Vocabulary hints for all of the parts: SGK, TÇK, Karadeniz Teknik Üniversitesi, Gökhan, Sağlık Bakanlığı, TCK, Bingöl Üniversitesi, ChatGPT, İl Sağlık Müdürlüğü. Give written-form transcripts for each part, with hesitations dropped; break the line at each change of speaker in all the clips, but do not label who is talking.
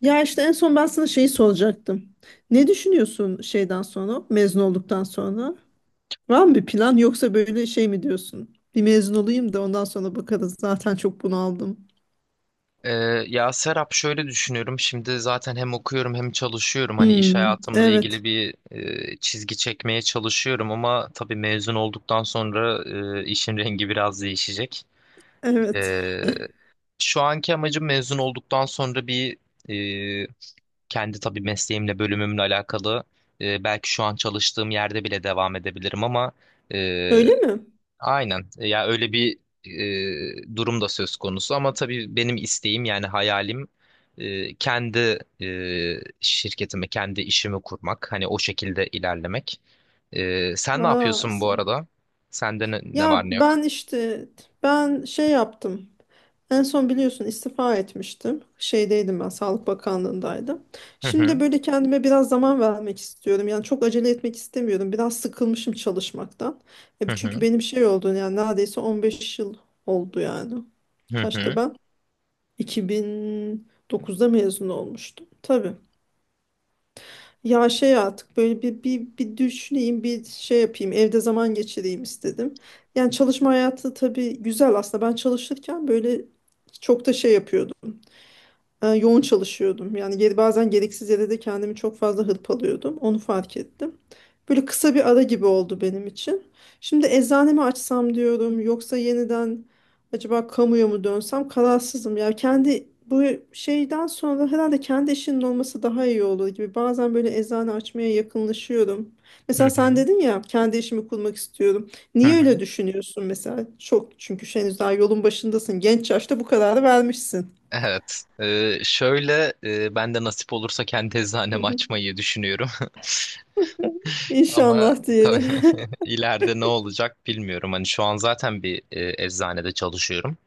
Ya işte en son ben sana şeyi soracaktım. Ne düşünüyorsun şeyden sonra, mezun olduktan sonra? Var mı bir plan yoksa böyle şey mi diyorsun? Bir mezun olayım da ondan sonra bakarız. Zaten çok bunaldım.
Ee, Ya Serap şöyle düşünüyorum. Şimdi zaten hem okuyorum hem çalışıyorum. Hani iş
Hmm,
hayatımla
evet,
ilgili bir çizgi çekmeye çalışıyorum ama tabii mezun olduktan sonra işin rengi biraz değişecek.
evet.
Ee, Şu anki amacım mezun olduktan sonra bir e, kendi tabii mesleğimle bölümümle alakalı, belki şu an çalıştığım yerde bile devam edebilirim ama e,
Öyle mi?
aynen. Ya öyle bir durum da söz konusu ama tabii benim isteğim yani hayalim kendi şirketimi, kendi işimi kurmak. Hani o şekilde ilerlemek. Sen ne
Aa,
yapıyorsun bu arada? Sende ne var
ya
ne yok?
ben işte ben şey yaptım. En son biliyorsun istifa etmiştim. Şeydeydim ben, Sağlık Bakanlığındaydım.
Hı
Şimdi
hı,
böyle kendime biraz zaman vermek istiyorum. Yani çok acele etmek istemiyorum. Biraz sıkılmışım çalışmaktan.
hı
Çünkü
hı,
benim şey oldu yani neredeyse 15 yıl oldu yani.
hı
Kaçta
hı,
ben? 2009'da mezun olmuştum. Tabii. Ya şey artık böyle bir düşüneyim, bir şey yapayım, evde zaman geçireyim istedim. Yani çalışma hayatı tabii güzel aslında. Ben çalışırken böyle çok da şey yapıyordum yoğun çalışıyordum. Yani bazen gereksiz yere de kendimi çok fazla hırpalıyordum. Onu fark ettim. Böyle kısa bir ara gibi oldu benim için. Şimdi eczanemi açsam diyorum yoksa yeniden acaba kamuya mı dönsem kararsızım. Ya kendi bu şeyden sonra herhalde kendi işinin olması daha iyi olur gibi. Bazen böyle eczane açmaya yakınlaşıyorum.
hı
Mesela sen
hı,
dedin ya kendi işimi kurmak istiyorum.
hı
Niye
hı.
öyle düşünüyorsun mesela? Çok çünkü henüz daha yolun başındasın. Genç yaşta bu kararı vermişsin.
Evet. Şöyle, ben de nasip olursa kendi eczanemi açmayı düşünüyorum. Ama
İnşallah
tabii
diyelim.
ileride ne olacak bilmiyorum. Hani şu an zaten bir eczanede çalışıyorum.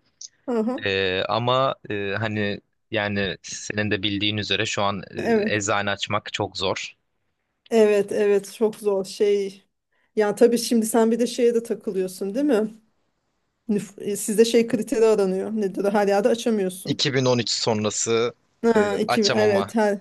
Aha,
Ama, hani yani senin de bildiğin üzere şu an
evet.
eczane açmak çok zor.
Evet, evet çok zor şey. Ya tabii şimdi sen bir de şeye de takılıyorsun değil mi? Sizde şey kriteri aranıyor. Nedir o? Her yerde açamıyorsun.
2013 sonrası e,
Ha, iki,
açamama.
evet her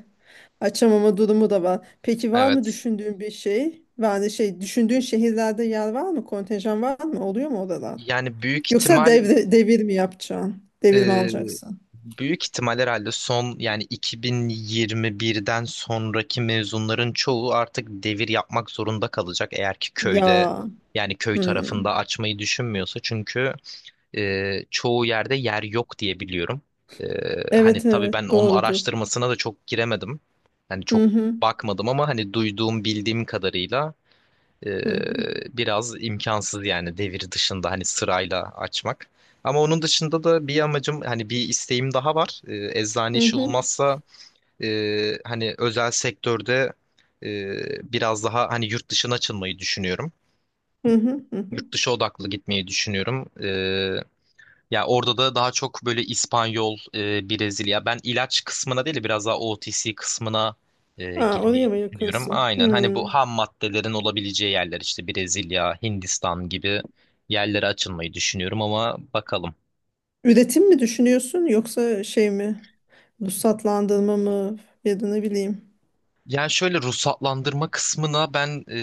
açamama durumu da var. Peki var mı
Evet.
düşündüğün bir şey? Yani şey düşündüğün şehirlerde yer var mı? Kontenjan var mı? Oluyor mu oralar?
Yani büyük
Yoksa
ihtimal.
devir mi yapacaksın? Devir mi
Ee,
alacaksın?
Büyük ihtimal herhalde son yani 2021'den sonraki mezunların çoğu artık devir yapmak zorunda kalacak, eğer ki köyde
Ya.
yani köy tarafında
Hmm.
açmayı düşünmüyorsa. Çünkü çoğu yerde yer yok diye biliyorum. Ee, Hani
Evet
tabii ben
evet
onun
doğrudur.
araştırmasına da çok giremedim. Hani
Hı
çok
hı.
bakmadım ama hani duyduğum bildiğim kadarıyla
Hı hı.
biraz imkansız yani devir dışında hani sırayla açmak. Ama onun dışında da bir amacım hani bir isteğim daha var. Eczane
Hı
işi
hı,
olmazsa hani özel sektörde biraz daha hani yurt dışına açılmayı düşünüyorum.
hı hı, hı hı.
Yurt dışı odaklı gitmeyi düşünüyorum. Ya orada da daha çok böyle İspanyol, Brezilya. Ben ilaç kısmına değil de biraz daha OTC kısmına
Ha, oraya
girmeyi
mı
düşünüyorum.
yakınsın?
Aynen hani bu
Hmm.
ham maddelerin olabileceği yerler işte Brezilya, Hindistan gibi yerlere açılmayı düşünüyorum ama bakalım.
Üretim mi düşünüyorsun yoksa şey mi? Ruhsatlandırma mı? Ya da ne bileyim.
Yani şöyle ruhsatlandırma kısmına ben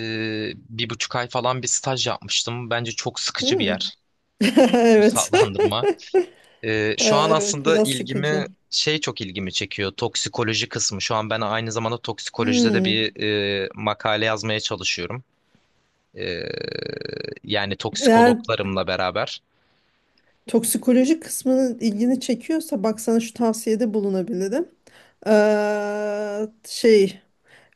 bir buçuk ay falan bir staj yapmıştım. Bence çok sıkıcı bir
Hmm.
yer
Evet.
ruhsatlandırma.
Ha,
Şu an
evet
aslında
biraz sıkıcı.
ilgimi şey çok ilgimi çekiyor, toksikoloji kısmı. Şu an ben aynı zamanda toksikolojide de
Hmm.
bir makale yazmaya çalışıyorum. Ee, Yani
Eğer
toksikologlarımla beraber.
toksikoloji kısmının ilgini çekiyorsa bak sana şu tavsiyede bulunabilirim. Şey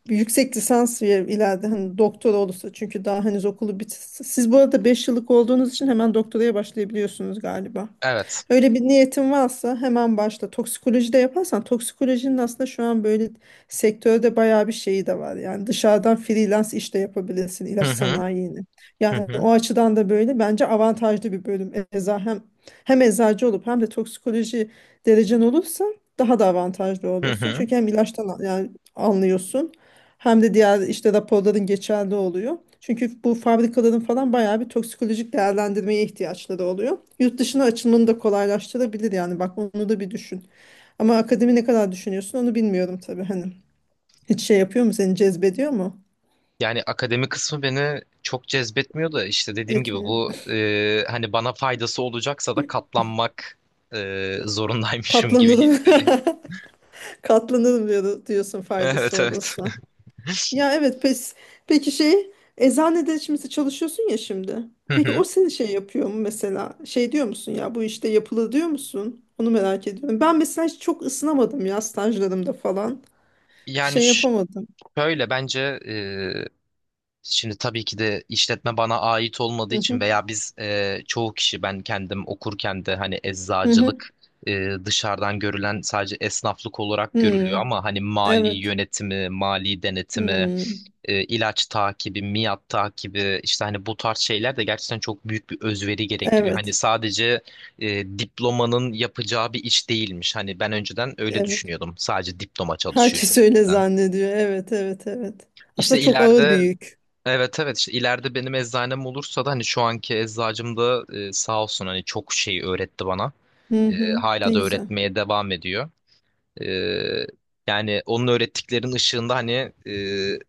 bir yüksek lisans ve ileride hani doktora olursa çünkü daha henüz okulu bit. Siz bu arada 5 yıllık olduğunuz için hemen doktoraya başlayabiliyorsunuz galiba.
Evet.
Öyle bir niyetin varsa hemen başla. Toksikoloji de yaparsan toksikolojinin aslında şu an böyle sektörde bayağı bir şeyi de var. Yani dışarıdan freelance iş de yapabilirsin ilaç
Hı hı,
sanayini.
hı
Yani
hı,
o açıdan da böyle bence avantajlı bir bölüm. Eza hem hem eczacı olup hem de toksikoloji derecen olursa daha da avantajlı
hı
olursun.
hı.
Çünkü hem ilaçtan yani anlıyorsun. Hem de diğer işte raporların geçerli oluyor. Çünkü bu fabrikaların falan bayağı bir toksikolojik değerlendirmeye ihtiyaçları oluyor. Yurt dışına açılmanı da kolaylaştırabilir yani bak onu da bir düşün. Ama akademi ne kadar düşünüyorsun onu bilmiyorum tabii hani. Hiç şey yapıyor mu seni cezbediyor mu?
Yani akademi kısmı beni çok cezbetmiyor da işte dediğim gibi
Etmiyor.
bu, hani bana faydası olacaksa da katlanmak zorundaymışım gibi
Katlanırım.
hissediyorum.
Katlanırım diyorsun faydası
Evet evet.
olursa. Ya evet pes. Peki şey eczanede şimdi çalışıyorsun ya şimdi.
Hı
Peki
hı.
o seni şey yapıyor mu mesela? Şey diyor musun ya bu işte yapılı diyor musun? Onu merak ediyorum. Ben mesela hiç çok ısınamadım ya stajlarımda falan.
Yani
Şey
ş-
yapamadım.
Şöyle bence, şimdi tabii ki de işletme bana ait olmadığı
Hı
için,
hı.
veya biz, çoğu kişi, ben kendim okurken de hani
Hı hı.
eczacılık dışarıdan görülen sadece esnaflık olarak görülüyor
Hmm,
ama hani mali
evet.
yönetimi, mali denetimi,
Hmm,
ilaç takibi, miat takibi, işte hani bu tarz şeyler de gerçekten çok büyük bir özveri gerektiriyor. Hani
evet.
sadece diplomanın yapacağı bir iş değilmiş. Hani ben önceden öyle
Evet.
düşünüyordum. Sadece diploma çalışıyor
Herkes öyle
gibisinden.
zannediyor. Evet, evet, evet.
İşte
Aslında çok ağır bir
ileride.
yük.
Evet evet, işte ileride benim eczanem olursa da hani şu anki eczacım da sağ olsun hani çok şey öğretti bana.
Hı hı. Ne
Hala da
güzel.
öğretmeye devam ediyor. E, Yani onun öğrettiklerinin ışığında hani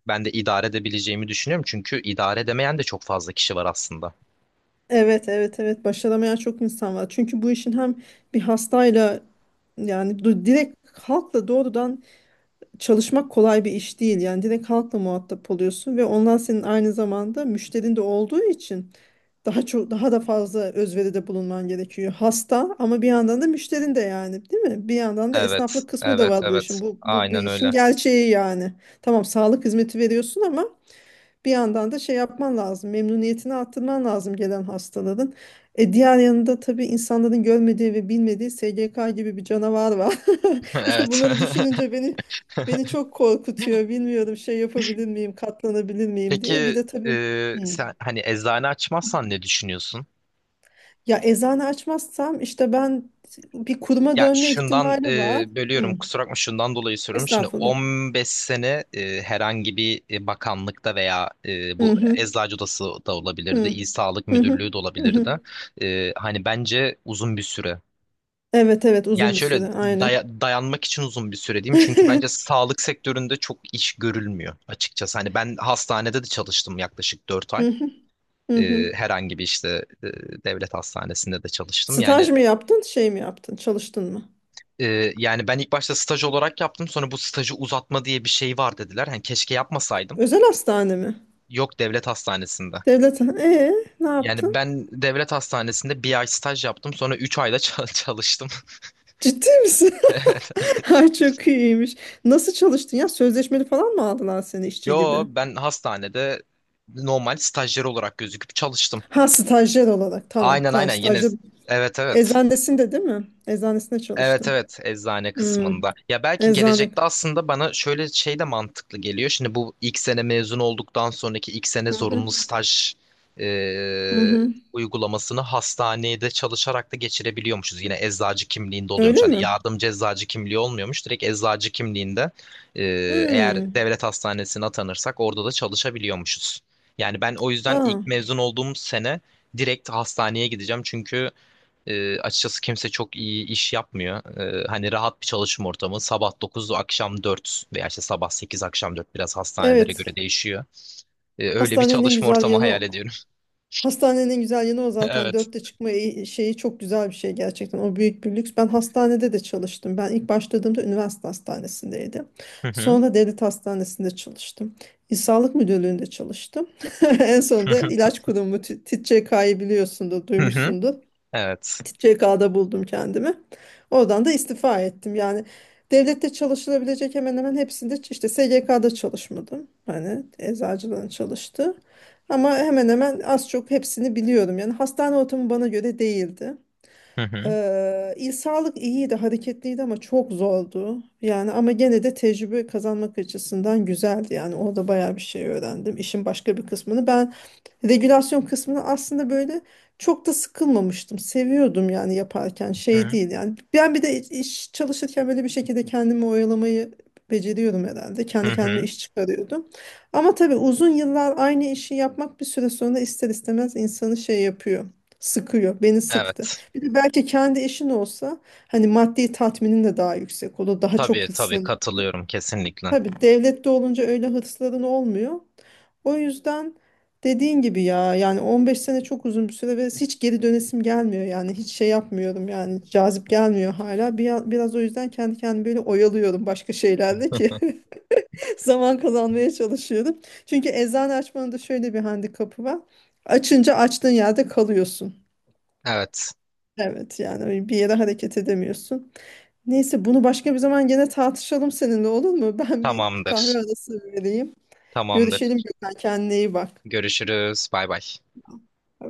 ben de idare edebileceğimi düşünüyorum. Çünkü idare edemeyen de çok fazla kişi var aslında.
Evet, evet, evet. Başaramayan çok insan var. Çünkü bu işin hem bir hastayla yani direkt halkla doğrudan çalışmak kolay bir iş değil. Yani direkt halkla muhatap oluyorsun ve onlar senin aynı zamanda müşterin de olduğu için daha çok daha da fazla özveride bulunman gerekiyor. Hasta ama bir yandan da müşterin de yani, değil mi? Bir yandan da
Evet
esnaflık kısmı da
evet
var bu işin.
evet,
Bu bir
aynen
işin
öyle.
gerçeği yani. Tamam, sağlık hizmeti veriyorsun ama bir yandan da şey yapman lazım, memnuniyetini arttırman lazım gelen hastaların. Diğer yanında tabii insanların görmediği ve bilmediği SGK gibi bir canavar var. İşte
Evet.
bunları düşününce beni çok korkutuyor. Bilmiyorum şey yapabilir miyim, katlanabilir miyim diye. Bir
Peki,
de tabii. Hmm.
sen hani eczane açmazsan ne düşünüyorsun?
Ya eczane açmazsam işte ben bir kuruma
Ya
dönme
şundan,
ihtimali var.
bölüyorum
Hmm.
kusura bakma, şundan dolayı soruyorum. Şimdi
Estağfurullah.
15 sene herhangi bir bakanlıkta, veya
Hı
bu
hı.
Eczacı Odası da
Hı
olabilirdi.
hı.
İl Sağlık
Hı
Müdürlüğü de
hı. Hı.
olabilirdi. Hani bence uzun bir süre.
Evet evet
Yani
uzun bir
şöyle,
süre aynen.
dayanmak için uzun bir süre diyeyim. Çünkü
Hı
bence sağlık sektöründe çok iş görülmüyor açıkçası. Hani ben hastanede de çalıştım yaklaşık 4 ay.
hı. Hı hı.
Herhangi bir işte, devlet hastanesinde de çalıştım. Yani.
Staj mı yaptın, şey mi yaptın, çalıştın mı?
Yani ben ilk başta staj olarak yaptım. Sonra bu stajı uzatma diye bir şey var dediler. Hani keşke yapmasaydım.
Özel hastane mi?
Yok, devlet hastanesinde.
Devlet. Ne
Yani
yaptın?
ben devlet hastanesinde bir ay staj yaptım. Sonra üç ayda çalıştım.
Ciddi misin? Ay çok iyiymiş. Nasıl çalıştın ya? Sözleşmeli falan mı aldılar seni işçi
Yo,
gibi?
ben hastanede normal stajyer olarak gözüküp çalıştım.
Ha, stajyer olarak. Tamam,
Aynen
tamam,
aynen, yine
stajyer.
evet evet.
Eczanesinde değil mi? Eczanesinde
Evet
çalıştın.
evet, eczane
Hmm,
kısmında. Ya belki
eczane.
gelecekte aslında bana şöyle şey de mantıklı geliyor. Şimdi bu ilk sene mezun olduktan sonraki ilk sene
Hı hı,
zorunlu staj
hı
e,
hı.
uygulamasını hastanede çalışarak da geçirebiliyormuşuz. Yine eczacı kimliğinde
Öyle
oluyormuş. Hani
mi?
yardımcı eczacı kimliği olmuyormuş. Direkt eczacı kimliğinde, e, eğer
Hmm.
devlet hastanesine atanırsak orada da çalışabiliyormuşuz. Yani ben o yüzden
Aa,
ilk mezun olduğum sene direkt hastaneye gideceğim. Çünkü açıkçası kimse çok iyi iş yapmıyor. Hani rahat bir çalışma ortamı. Sabah 9, akşam dört, veya işte sabah 8, akşam 4. Biraz hastanelere göre
evet.
değişiyor. Öyle bir
Hastanenin en
çalışma
güzel
ortamı
yanı
hayal
o.
ediyorum.
Hastanenin güzel yanı o zaten.
Evet.
Dörtte çıkma şeyi çok güzel bir şey gerçekten. O büyük bir lüks. Ben hastanede de çalıştım. Ben ilk başladığımda üniversite hastanesindeydim.
Hı hı.
Sonra devlet hastanesinde çalıştım. İl Sağlık Müdürlüğü'nde çalıştım. En sonunda ilaç kurumu TÇK'yı biliyorsundur,
Hı hı.
duymuşsundur.
Evet.
TCK'da buldum kendimi. Oradan da istifa ettim. Yani devlette çalışılabilecek hemen hemen hepsinde işte SGK'da çalışmadım. Hani eczacılığın çalıştı. Ama hemen hemen az çok hepsini biliyorum. Yani hastane ortamı bana göre değildi.
Hı hı.
İl sağlık iyiydi, hareketliydi ama çok zordu. Yani ama gene de tecrübe kazanmak açısından güzeldi. Yani orada bayağı bir şey öğrendim. İşin başka bir kısmını ben regülasyon kısmını aslında böyle çok da sıkılmamıştım. Seviyordum yani yaparken
Hı
şey değil yani. Ben bir de iş çalışırken böyle bir şekilde kendimi oyalamayı beceriyorum herhalde.
hı.
Kendi kendime
Hı.
iş çıkarıyordum. Ama tabii uzun yıllar aynı işi yapmak bir süre sonra ister istemez insanı şey yapıyor. Sıkıyor. Beni sıktı.
Evet.
Bir de belki kendi işin olsa hani maddi tatminin de daha yüksek olur. Daha çok.
Tabii tabii, katılıyorum kesinlikle.
Tabii devlette olunca öyle hırsların olmuyor. O yüzden dediğin gibi ya yani 15 sene çok uzun bir süre ve hiç geri dönesim gelmiyor yani hiç şey yapmıyorum yani cazip gelmiyor hala. Biraz o yüzden kendi kendimi böyle oyalıyorum başka şeylerle ki zaman kazanmaya çalışıyorum. Çünkü eczane açmanın da şöyle bir handikapı var. Açınca açtığın yerde kalıyorsun.
Evet.
Evet yani bir yere hareket edemiyorsun. Neyse bunu başka bir zaman gene tartışalım seninle olur mu? Ben bir kahve
Tamamdır.
arası vereyim. Görüşelim
Tamamdır.
Gökhan. Kendine iyi bak.
Görüşürüz. Bay bay.